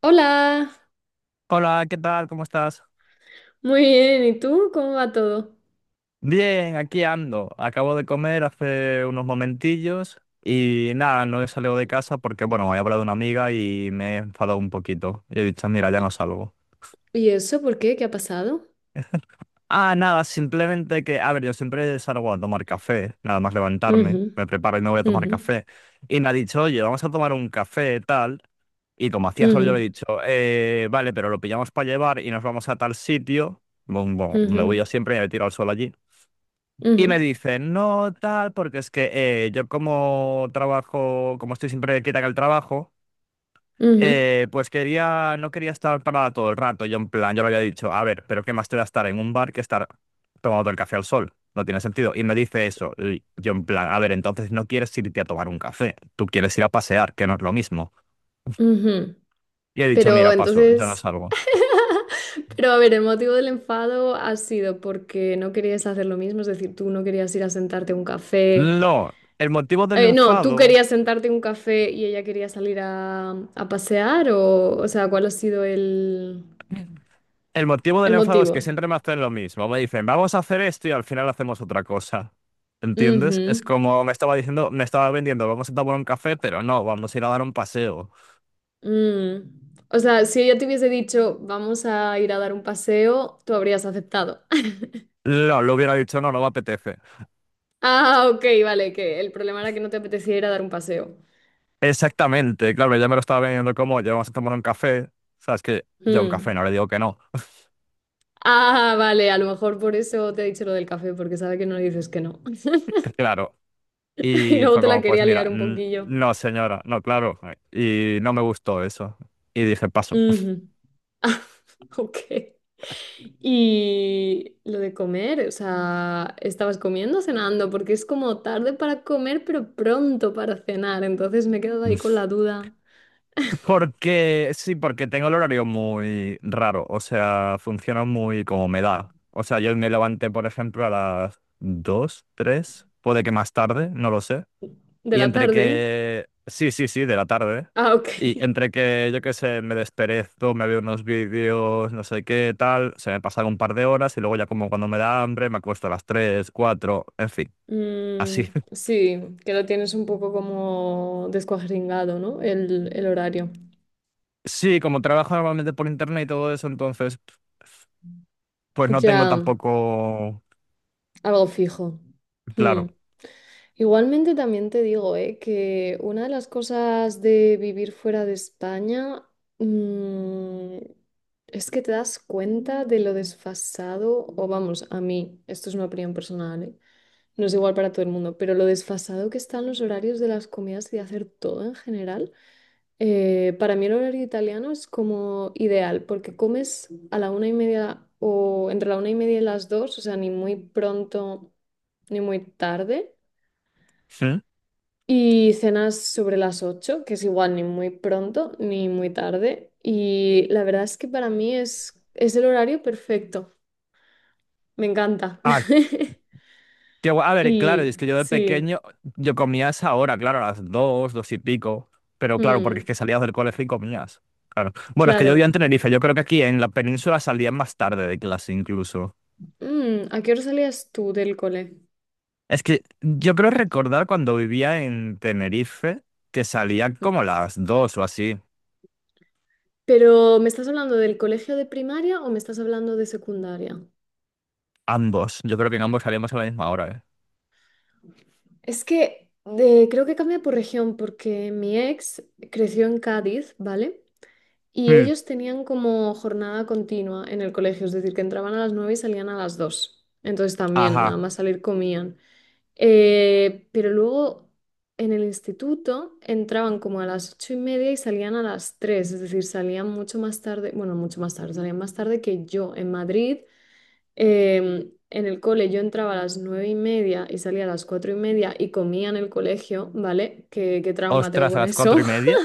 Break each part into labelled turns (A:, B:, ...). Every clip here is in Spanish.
A: Hola,
B: Hola, ¿qué tal? ¿Cómo estás?
A: muy bien. ¿Y tú? ¿Cómo va todo?
B: Bien, aquí ando. Acabo de comer hace unos momentillos y nada, no he salido de casa porque, bueno, he hablado de una amiga y me he enfadado un poquito. Y he dicho, mira, ya
A: ¿Y
B: no salgo.
A: eso por qué? ¿Qué ha pasado?
B: Ah, nada, simplemente que, a ver, yo siempre salgo a tomar café, nada más
A: Ujú,
B: levantarme, me preparo y me voy a tomar
A: ujú,
B: café. Y me ha dicho, oye, vamos a tomar un café, tal. Y como hacía sol, yo le he
A: ujú,
B: dicho, Vale, pero lo pillamos para llevar y nos vamos a tal sitio. Bueno, me voy
A: ujú,
B: yo siempre y me tiro al sol allí. Y me
A: ujú,
B: dicen, no tal, porque es que yo como trabajo, como estoy siempre quieta en el trabajo,
A: ujú,
B: pues quería, no quería estar parada todo el rato. Yo en plan, yo le había dicho, a ver, pero ¿qué más te da estar en un bar que estar tomando el café al sol? No tiene sentido. Y me dice eso. Y yo en plan, a ver, entonces no quieres irte a tomar un café, tú quieres ir a pasear, que no es lo mismo.
A: ujú.
B: Y he dicho,
A: Pero
B: mira, paso, yo no
A: entonces,
B: salgo.
A: pero a ver, el motivo del enfado ha sido porque no querías hacer lo mismo, es decir, tú no querías ir a sentarte a un café.
B: No, el motivo del
A: No, tú
B: enfado
A: querías sentarte a un café y ella quería salir a pasear, o sea, ¿cuál ha sido
B: El motivo
A: el
B: del enfado es que
A: motivo?
B: siempre me hacen lo mismo. Me dicen, vamos a hacer esto y al final hacemos otra cosa. ¿Entiendes? Es como me estaba diciendo, me estaba vendiendo, vamos a tomar un café, pero no, vamos a ir a dar un paseo.
A: Mm. O sea, si ella te hubiese dicho, vamos a ir a dar un paseo, tú habrías aceptado.
B: No, lo hubiera dicho, no, no me apetece.
A: Ah, ok, vale, que el problema era que no te apetecía ir a dar un paseo.
B: Exactamente, claro, ya me lo estaba vendiendo como, ya vamos a tomar un café. Sabes que yo a un café no
A: Mm.
B: le digo que no.
A: Ah, vale, a lo mejor por eso te he dicho lo del café, porque sabe que no le dices que no.
B: Claro.
A: Y
B: Y
A: luego
B: fue
A: te la
B: como, pues
A: quería
B: mira,
A: liar un poquillo.
B: no, señora, no, claro. Y no me gustó eso. Y dije, paso.
A: Ujú. Ah, ok. Y lo de comer, o sea, ¿estabas comiendo o cenando? Porque es como tarde para comer, pero pronto para cenar. Entonces me he quedado ahí con la duda.
B: Porque, sí, porque tengo el horario muy raro, o sea, funciona muy como me da. O sea, yo me levanté, por ejemplo, a las 2 3 puede que más tarde, no lo sé.
A: De
B: Y
A: la
B: entre
A: tarde.
B: que, sí, de la tarde.
A: Ah,
B: Y
A: ok.
B: entre que, yo qué sé, me desperezo, me veo unos vídeos, no sé qué, tal, se me pasan un par de horas y luego ya como cuando me da hambre me acuesto a las 3 4 en fin, así.
A: Mm, sí, que lo tienes un poco como descuajeringado, ¿no? El horario.
B: Sí, como trabajo normalmente por internet y todo eso, entonces, pues no tengo
A: Ya,
B: tampoco.
A: algo fijo. Hmm.
B: Claro.
A: Igualmente también te digo, que una de las cosas de vivir fuera de España, mm, es que te das cuenta de lo desfasado, o vamos, a mí, esto es una opinión personal, ¿eh? No es igual para todo el mundo, pero lo desfasado que están los horarios de las comidas y de hacer todo en general, para mí el horario italiano es como ideal, porque comes a la una y media o entre la una y media y las dos, o sea, ni muy pronto ni muy tarde,
B: Sí.
A: y cenas sobre las ocho, que es igual ni muy pronto ni muy tarde, y la verdad es que para mí es el horario perfecto, me encanta.
B: Ah, qué guay. A ver, claro,
A: Y
B: es que yo de
A: sí,
B: pequeño, yo comía a esa hora, claro, a las dos, dos y pico. Pero claro, porque es
A: mm,
B: que salías del colegio y comías. Claro. Bueno, es que yo vivía
A: claro.
B: en Tenerife. Yo creo que aquí en la península salían más tarde de clase incluso.
A: Mm, ¿a qué hora salías tú del cole?
B: Es que yo creo recordar cuando vivía en Tenerife que salía como a las dos o así.
A: Pero ¿me estás hablando del colegio de primaria o me estás hablando de secundaria?
B: Ambos. Yo creo que en ambos salíamos a la misma hora, ¿eh?
A: Es que Creo que cambia por región porque mi ex creció en Cádiz, ¿vale? Y
B: Mm,
A: ellos tenían como jornada continua en el colegio, es decir, que entraban a las 9 y salían a las 2. Entonces también, nada
B: ajá.
A: más salir comían. Pero luego en el instituto entraban como a las ocho y media y salían a las tres, es decir, salían mucho más tarde, bueno, mucho más tarde, salían más tarde que yo en Madrid. En el cole yo entraba a las nueve y media y salía a las cuatro y media y comía en el colegio, ¿vale? ¿Qué trauma tengo
B: Ostras, a
A: con
B: las cuatro
A: eso?
B: y media.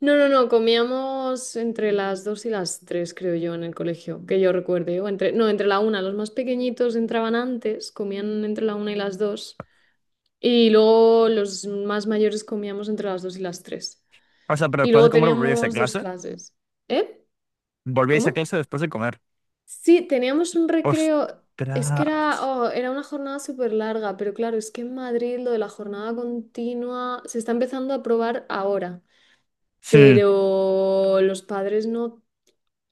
A: No, no, no, comíamos entre las dos y las tres, creo yo, en el colegio, que yo recuerde. O entre, no, entre la una, los más pequeñitos entraban antes, comían entre la una y las dos. Y luego los más mayores comíamos entre las 2 y las tres.
B: O sea, pero
A: Y
B: después
A: luego
B: de comer volvíais a
A: teníamos dos
B: clase.
A: clases. ¿Eh?
B: Volvíais a
A: ¿Cómo?
B: clase después de comer.
A: Sí, teníamos un recreo. Es que
B: Ostras.
A: era, oh, era una jornada súper larga, pero claro, es que en Madrid lo de la jornada continua se está empezando a probar ahora.
B: Hmm,
A: Pero los padres no,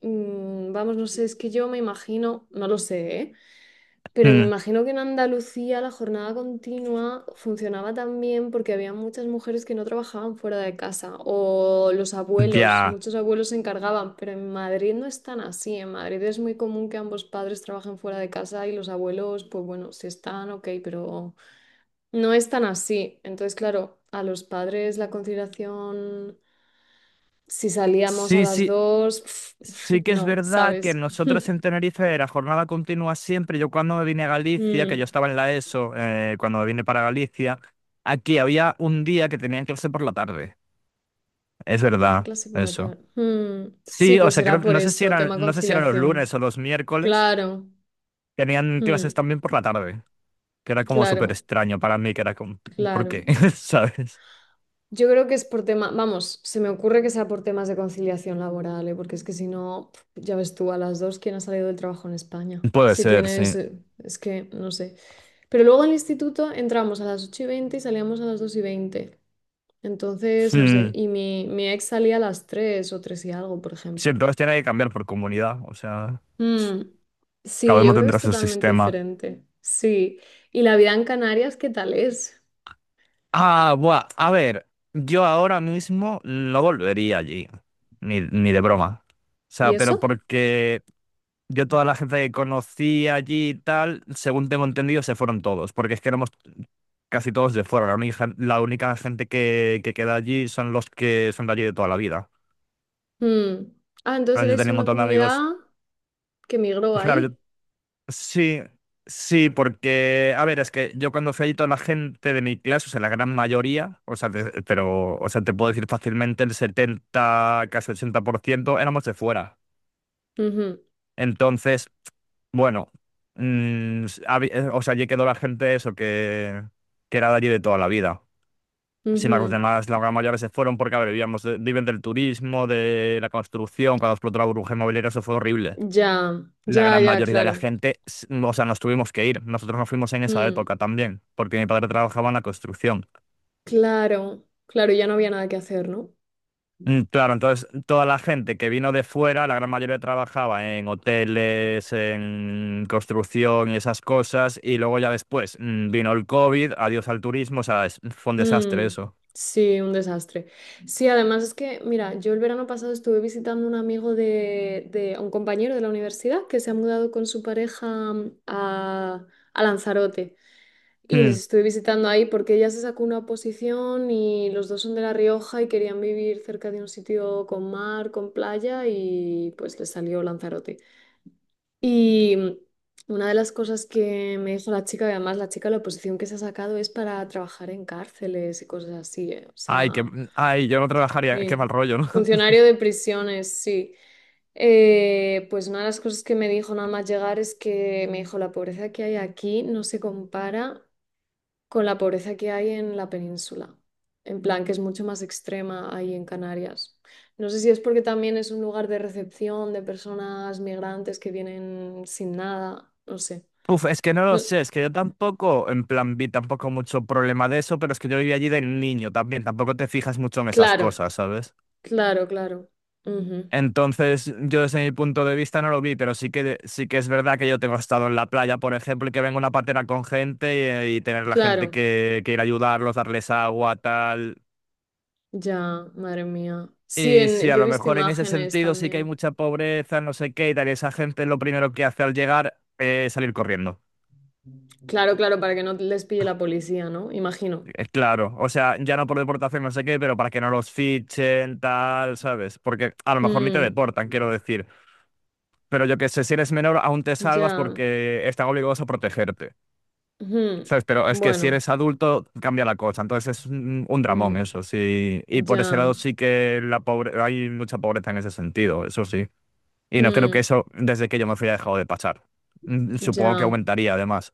A: mm, vamos, no sé, es que yo me imagino, no lo sé, ¿eh? Pero me
B: hmm,
A: imagino que en Andalucía la jornada continua funcionaba también porque había muchas mujeres que no trabajaban fuera de casa o los abuelos,
B: ya.
A: muchos abuelos se encargaban, pero en Madrid no es tan así. En Madrid es muy común que ambos padres trabajen fuera de casa y los abuelos, pues bueno, si están, ok, pero no es tan así. Entonces, claro, a los padres la conciliación, si salíamos a
B: Sí,
A: las
B: sí,
A: dos,
B: sí que es
A: no,
B: verdad que
A: ¿sabes?
B: nosotros en Tenerife la jornada continua siempre. Yo cuando me vine a Galicia, que
A: Mm.
B: yo estaba en la ESO, cuando me vine para Galicia, aquí había un día que tenían clase por la tarde. Es
A: Que tenían
B: verdad,
A: clase por la
B: eso.
A: tarde. Mm, sí,
B: Sí, o
A: pues
B: sea,
A: será por
B: no sé si
A: eso,
B: eran,
A: tema
B: no sé si eran los
A: conciliación.
B: lunes o los miércoles,
A: Claro,
B: tenían
A: mm,
B: clases también por la tarde, que era como súper
A: claro,
B: extraño para mí, que era como, ¿por
A: claro.
B: qué? ¿Sabes?
A: Yo creo que es por tema, vamos, se me ocurre que sea por temas de conciliación laboral, ¿eh? Porque es que si no, pf, ya ves tú a las dos quién ha salido del trabajo en España.
B: Puede
A: Si
B: ser,
A: tienes,
B: sí.
A: es que no sé. Pero luego al instituto entramos a las 8 y 20 y salíamos a las 2 y 20. Entonces, no sé,
B: Hmm,
A: y mi ex salía a las 3 o 3 y algo, por
B: Sí,
A: ejemplo.
B: entonces tiene que cambiar por comunidad, o sea,
A: Mm,
B: cada
A: sí, yo
B: uno
A: creo que
B: tendrá
A: es
B: su
A: totalmente
B: sistema.
A: diferente. Sí. ¿Y la vida en Canarias qué tal es?
B: Ah, buah, a ver, yo ahora mismo no volvería allí, ni de broma. O
A: ¿Y
B: sea, pero
A: eso?
B: porque yo toda la gente que conocí allí y tal, según tengo entendido, se fueron todos, porque es que éramos casi todos de fuera. La única gente que queda allí son los que son de allí de toda la vida.
A: Mm. Ah, entonces
B: Ahora yo
A: eres
B: tenía un
A: una
B: montón de
A: comunidad
B: amigos.
A: que migró
B: Claro, yo,
A: allí.
B: sí, sí, porque, a ver, es que yo cuando fui allí toda la gente de mi clase, o sea, la gran mayoría, o sea, pero, o sea, te puedo decir fácilmente el 70 casi 80% éramos de fuera.
A: Ujú,
B: Entonces, bueno, o sea, allí quedó la gente eso que era de allí de toda la vida. Sin embargo, los
A: ujú.
B: demás, la gran mayoría se fueron porque, a ver, vivíamos, viven del turismo, de la construcción, cuando explotó la burbuja inmobiliaria, eso fue horrible.
A: Ya,
B: La
A: ya,
B: gran
A: ya,
B: mayoría de la
A: claro.
B: gente, o sea, nos tuvimos que ir. Nosotros nos fuimos en esa
A: Mm,
B: época también, porque mi padre trabajaba en la construcción.
A: claro, claro, ya no había nada que hacer, ¿no?
B: Mm, claro, entonces toda la gente que vino de fuera, la gran mayoría trabajaba en hoteles, en construcción y esas cosas, y luego ya después vino el COVID, adiós al turismo, o sea, fue un desastre
A: Mm,
B: eso.
A: sí, un desastre. Sí, además es que, mira, yo el verano pasado estuve visitando un amigo de- un compañero de la universidad que se ha mudado con su pareja mm, a Lanzarote. Y les
B: Mm,
A: estuve visitando ahí porque ella se sacó una oposición y los dos son de La Rioja y querían vivir cerca de un sitio con mar, con playa y pues les salió Lanzarote. Y mm, una de las cosas que me dijo la chica, y además la chica, la oposición que se ha sacado es para trabajar en cárceles y cosas así, ¿eh? O
B: ay, que,
A: sea,
B: mm, ay, yo no trabajaría, qué mal
A: sí.
B: rollo, ¿no?
A: Funcionario de prisiones, sí. Pues una de las cosas que me dijo nada más llegar es que me dijo, la pobreza que hay aquí no se compara con la pobreza que hay en la península. En plan, que es mucho más extrema ahí en Canarias. No sé si es porque también es un lugar de recepción de personas migrantes que vienen sin nada, no sé.
B: Uf, es que no lo
A: No-
B: sé, es que yo tampoco, en plan, vi tampoco mucho problema de eso, pero es que yo viví allí de niño también, tampoco te fijas mucho en esas
A: claro,
B: cosas, ¿sabes?
A: claro, claro. Ujú,
B: Entonces, yo desde mi punto de vista no lo vi, pero sí que es verdad que yo tengo estado en la playa, por ejemplo, y que venga una patera con gente y tener la gente
A: claro,
B: que ir a ayudarlos, darles agua, tal.
A: ya, madre mía. Sí,
B: Y sí,
A: en,
B: a
A: yo he
B: lo
A: visto
B: mejor en ese
A: imágenes
B: sentido sí que hay
A: también.
B: mucha pobreza, no sé qué, y tal, y esa gente lo primero que hace al llegar es salir corriendo.
A: Claro, claro, para que no les pille la policía, ¿no? Imagino.
B: Claro, o sea, ya no por deportación, no sé qué, pero para que no los fichen, tal, ¿sabes? Porque a lo mejor ni te
A: Mm,
B: deportan, quiero decir. Pero yo que sé, si eres menor, aún te salvas
A: ya.
B: porque están obligados a protegerte,
A: Ujú,
B: ¿sabes? Pero es que si
A: bueno,
B: eres adulto, cambia la cosa. Entonces es un
A: mm,
B: dramón eso, sí. Y por ese
A: ya.
B: lado sí que la pobre... hay mucha pobreza en ese sentido, eso sí. Y no creo que
A: Mm.
B: eso, desde que yo me fui, haya dejado de pasar. Mm, supongo que
A: Ya,
B: aumentaría, además.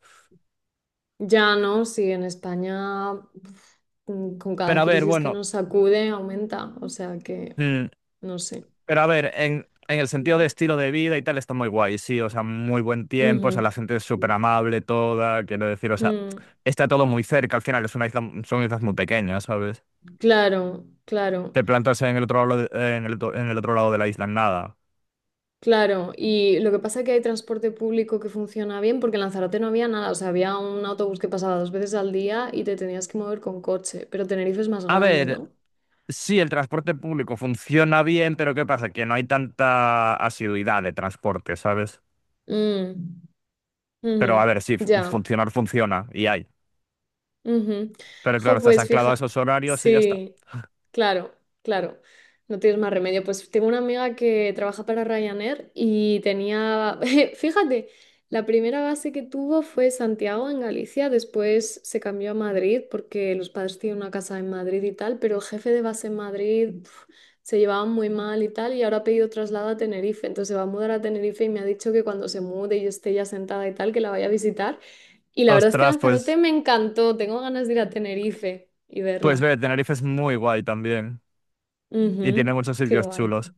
A: ya no, sí, en España uf, mm, con cada
B: Pero a ver,
A: crisis que
B: bueno.
A: nos sacude aumenta, o sea que
B: mm,
A: no sé.
B: Pero a ver, en el sentido de estilo de vida y tal, está muy guay, sí, o sea, muy buen tiempo, o sea,
A: Ujú,
B: la gente es súper amable toda, quiero decir, o sea,
A: mm,
B: está todo muy cerca, al final es una isla, son islas muy pequeñas, ¿sabes?
A: claro, claro,
B: Te plantas en el otro lado en el, en el otro lado de la isla, en nada.
A: claro. Y lo que pasa es que hay transporte público que funciona bien porque en Lanzarote no había nada, o sea, había un autobús que pasaba dos veces al día y te tenías que mover con coche, pero Tenerife es más
B: A
A: grande,
B: ver,
A: ¿no?
B: sí, el transporte público funciona bien, pero ¿qué pasa? Que no hay tanta asiduidad de transporte, ¿sabes?
A: Mm,
B: Pero a
A: ujú,
B: ver, sí,
A: ya,
B: funcionar funciona y hay.
A: ujú.
B: Pero claro,
A: Jo,
B: estás
A: pues
B: anclado a
A: fija,
B: esos horarios y ya está.
A: sí, claro, claro, no tienes más remedio. Pues tengo una amiga que trabaja para Ryanair y tenía, fíjate, la primera base que tuvo fue Santiago en Galicia, después se cambió a Madrid porque los padres tienen una casa en Madrid y tal, pero el jefe de base en Madrid pf, se llevaban muy mal y tal y ahora ha pedido traslado a Tenerife, entonces se va a mudar a Tenerife y me ha dicho que cuando se mude y yo esté ya sentada y tal, que la vaya a visitar. Y la verdad es que
B: Ostras,
A: Lanzarote
B: pues,
A: me encantó. Tengo ganas de ir a Tenerife y
B: pues
A: verla.
B: ve, Tenerife es muy guay también, y
A: Ujú,
B: tiene muchos
A: qué
B: sitios
A: guay.
B: chulos.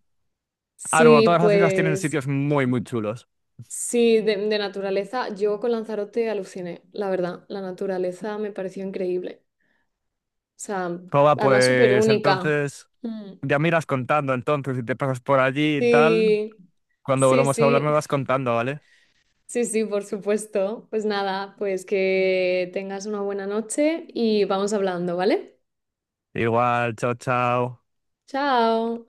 B: Ah, bueno,
A: Sí,
B: todas las islas tienen
A: pues
B: sitios muy, muy chulos.
A: sí, de naturaleza. Yo con Lanzarote aluciné, la verdad. La naturaleza me pareció increíble. O sea,
B: Joba,
A: además súper
B: pues
A: única.
B: entonces
A: Mm,
B: ya miras contando entonces si te pasas por allí y tal.
A: sí,
B: Cuando
A: sí,
B: volvamos a hablar
A: sí.
B: me vas contando, ¿vale?
A: Sí, sí, por supuesto. Pues nada, pues que tengas una buena noche y vamos hablando, ¿vale?
B: Igual, chao, chao.
A: Chao.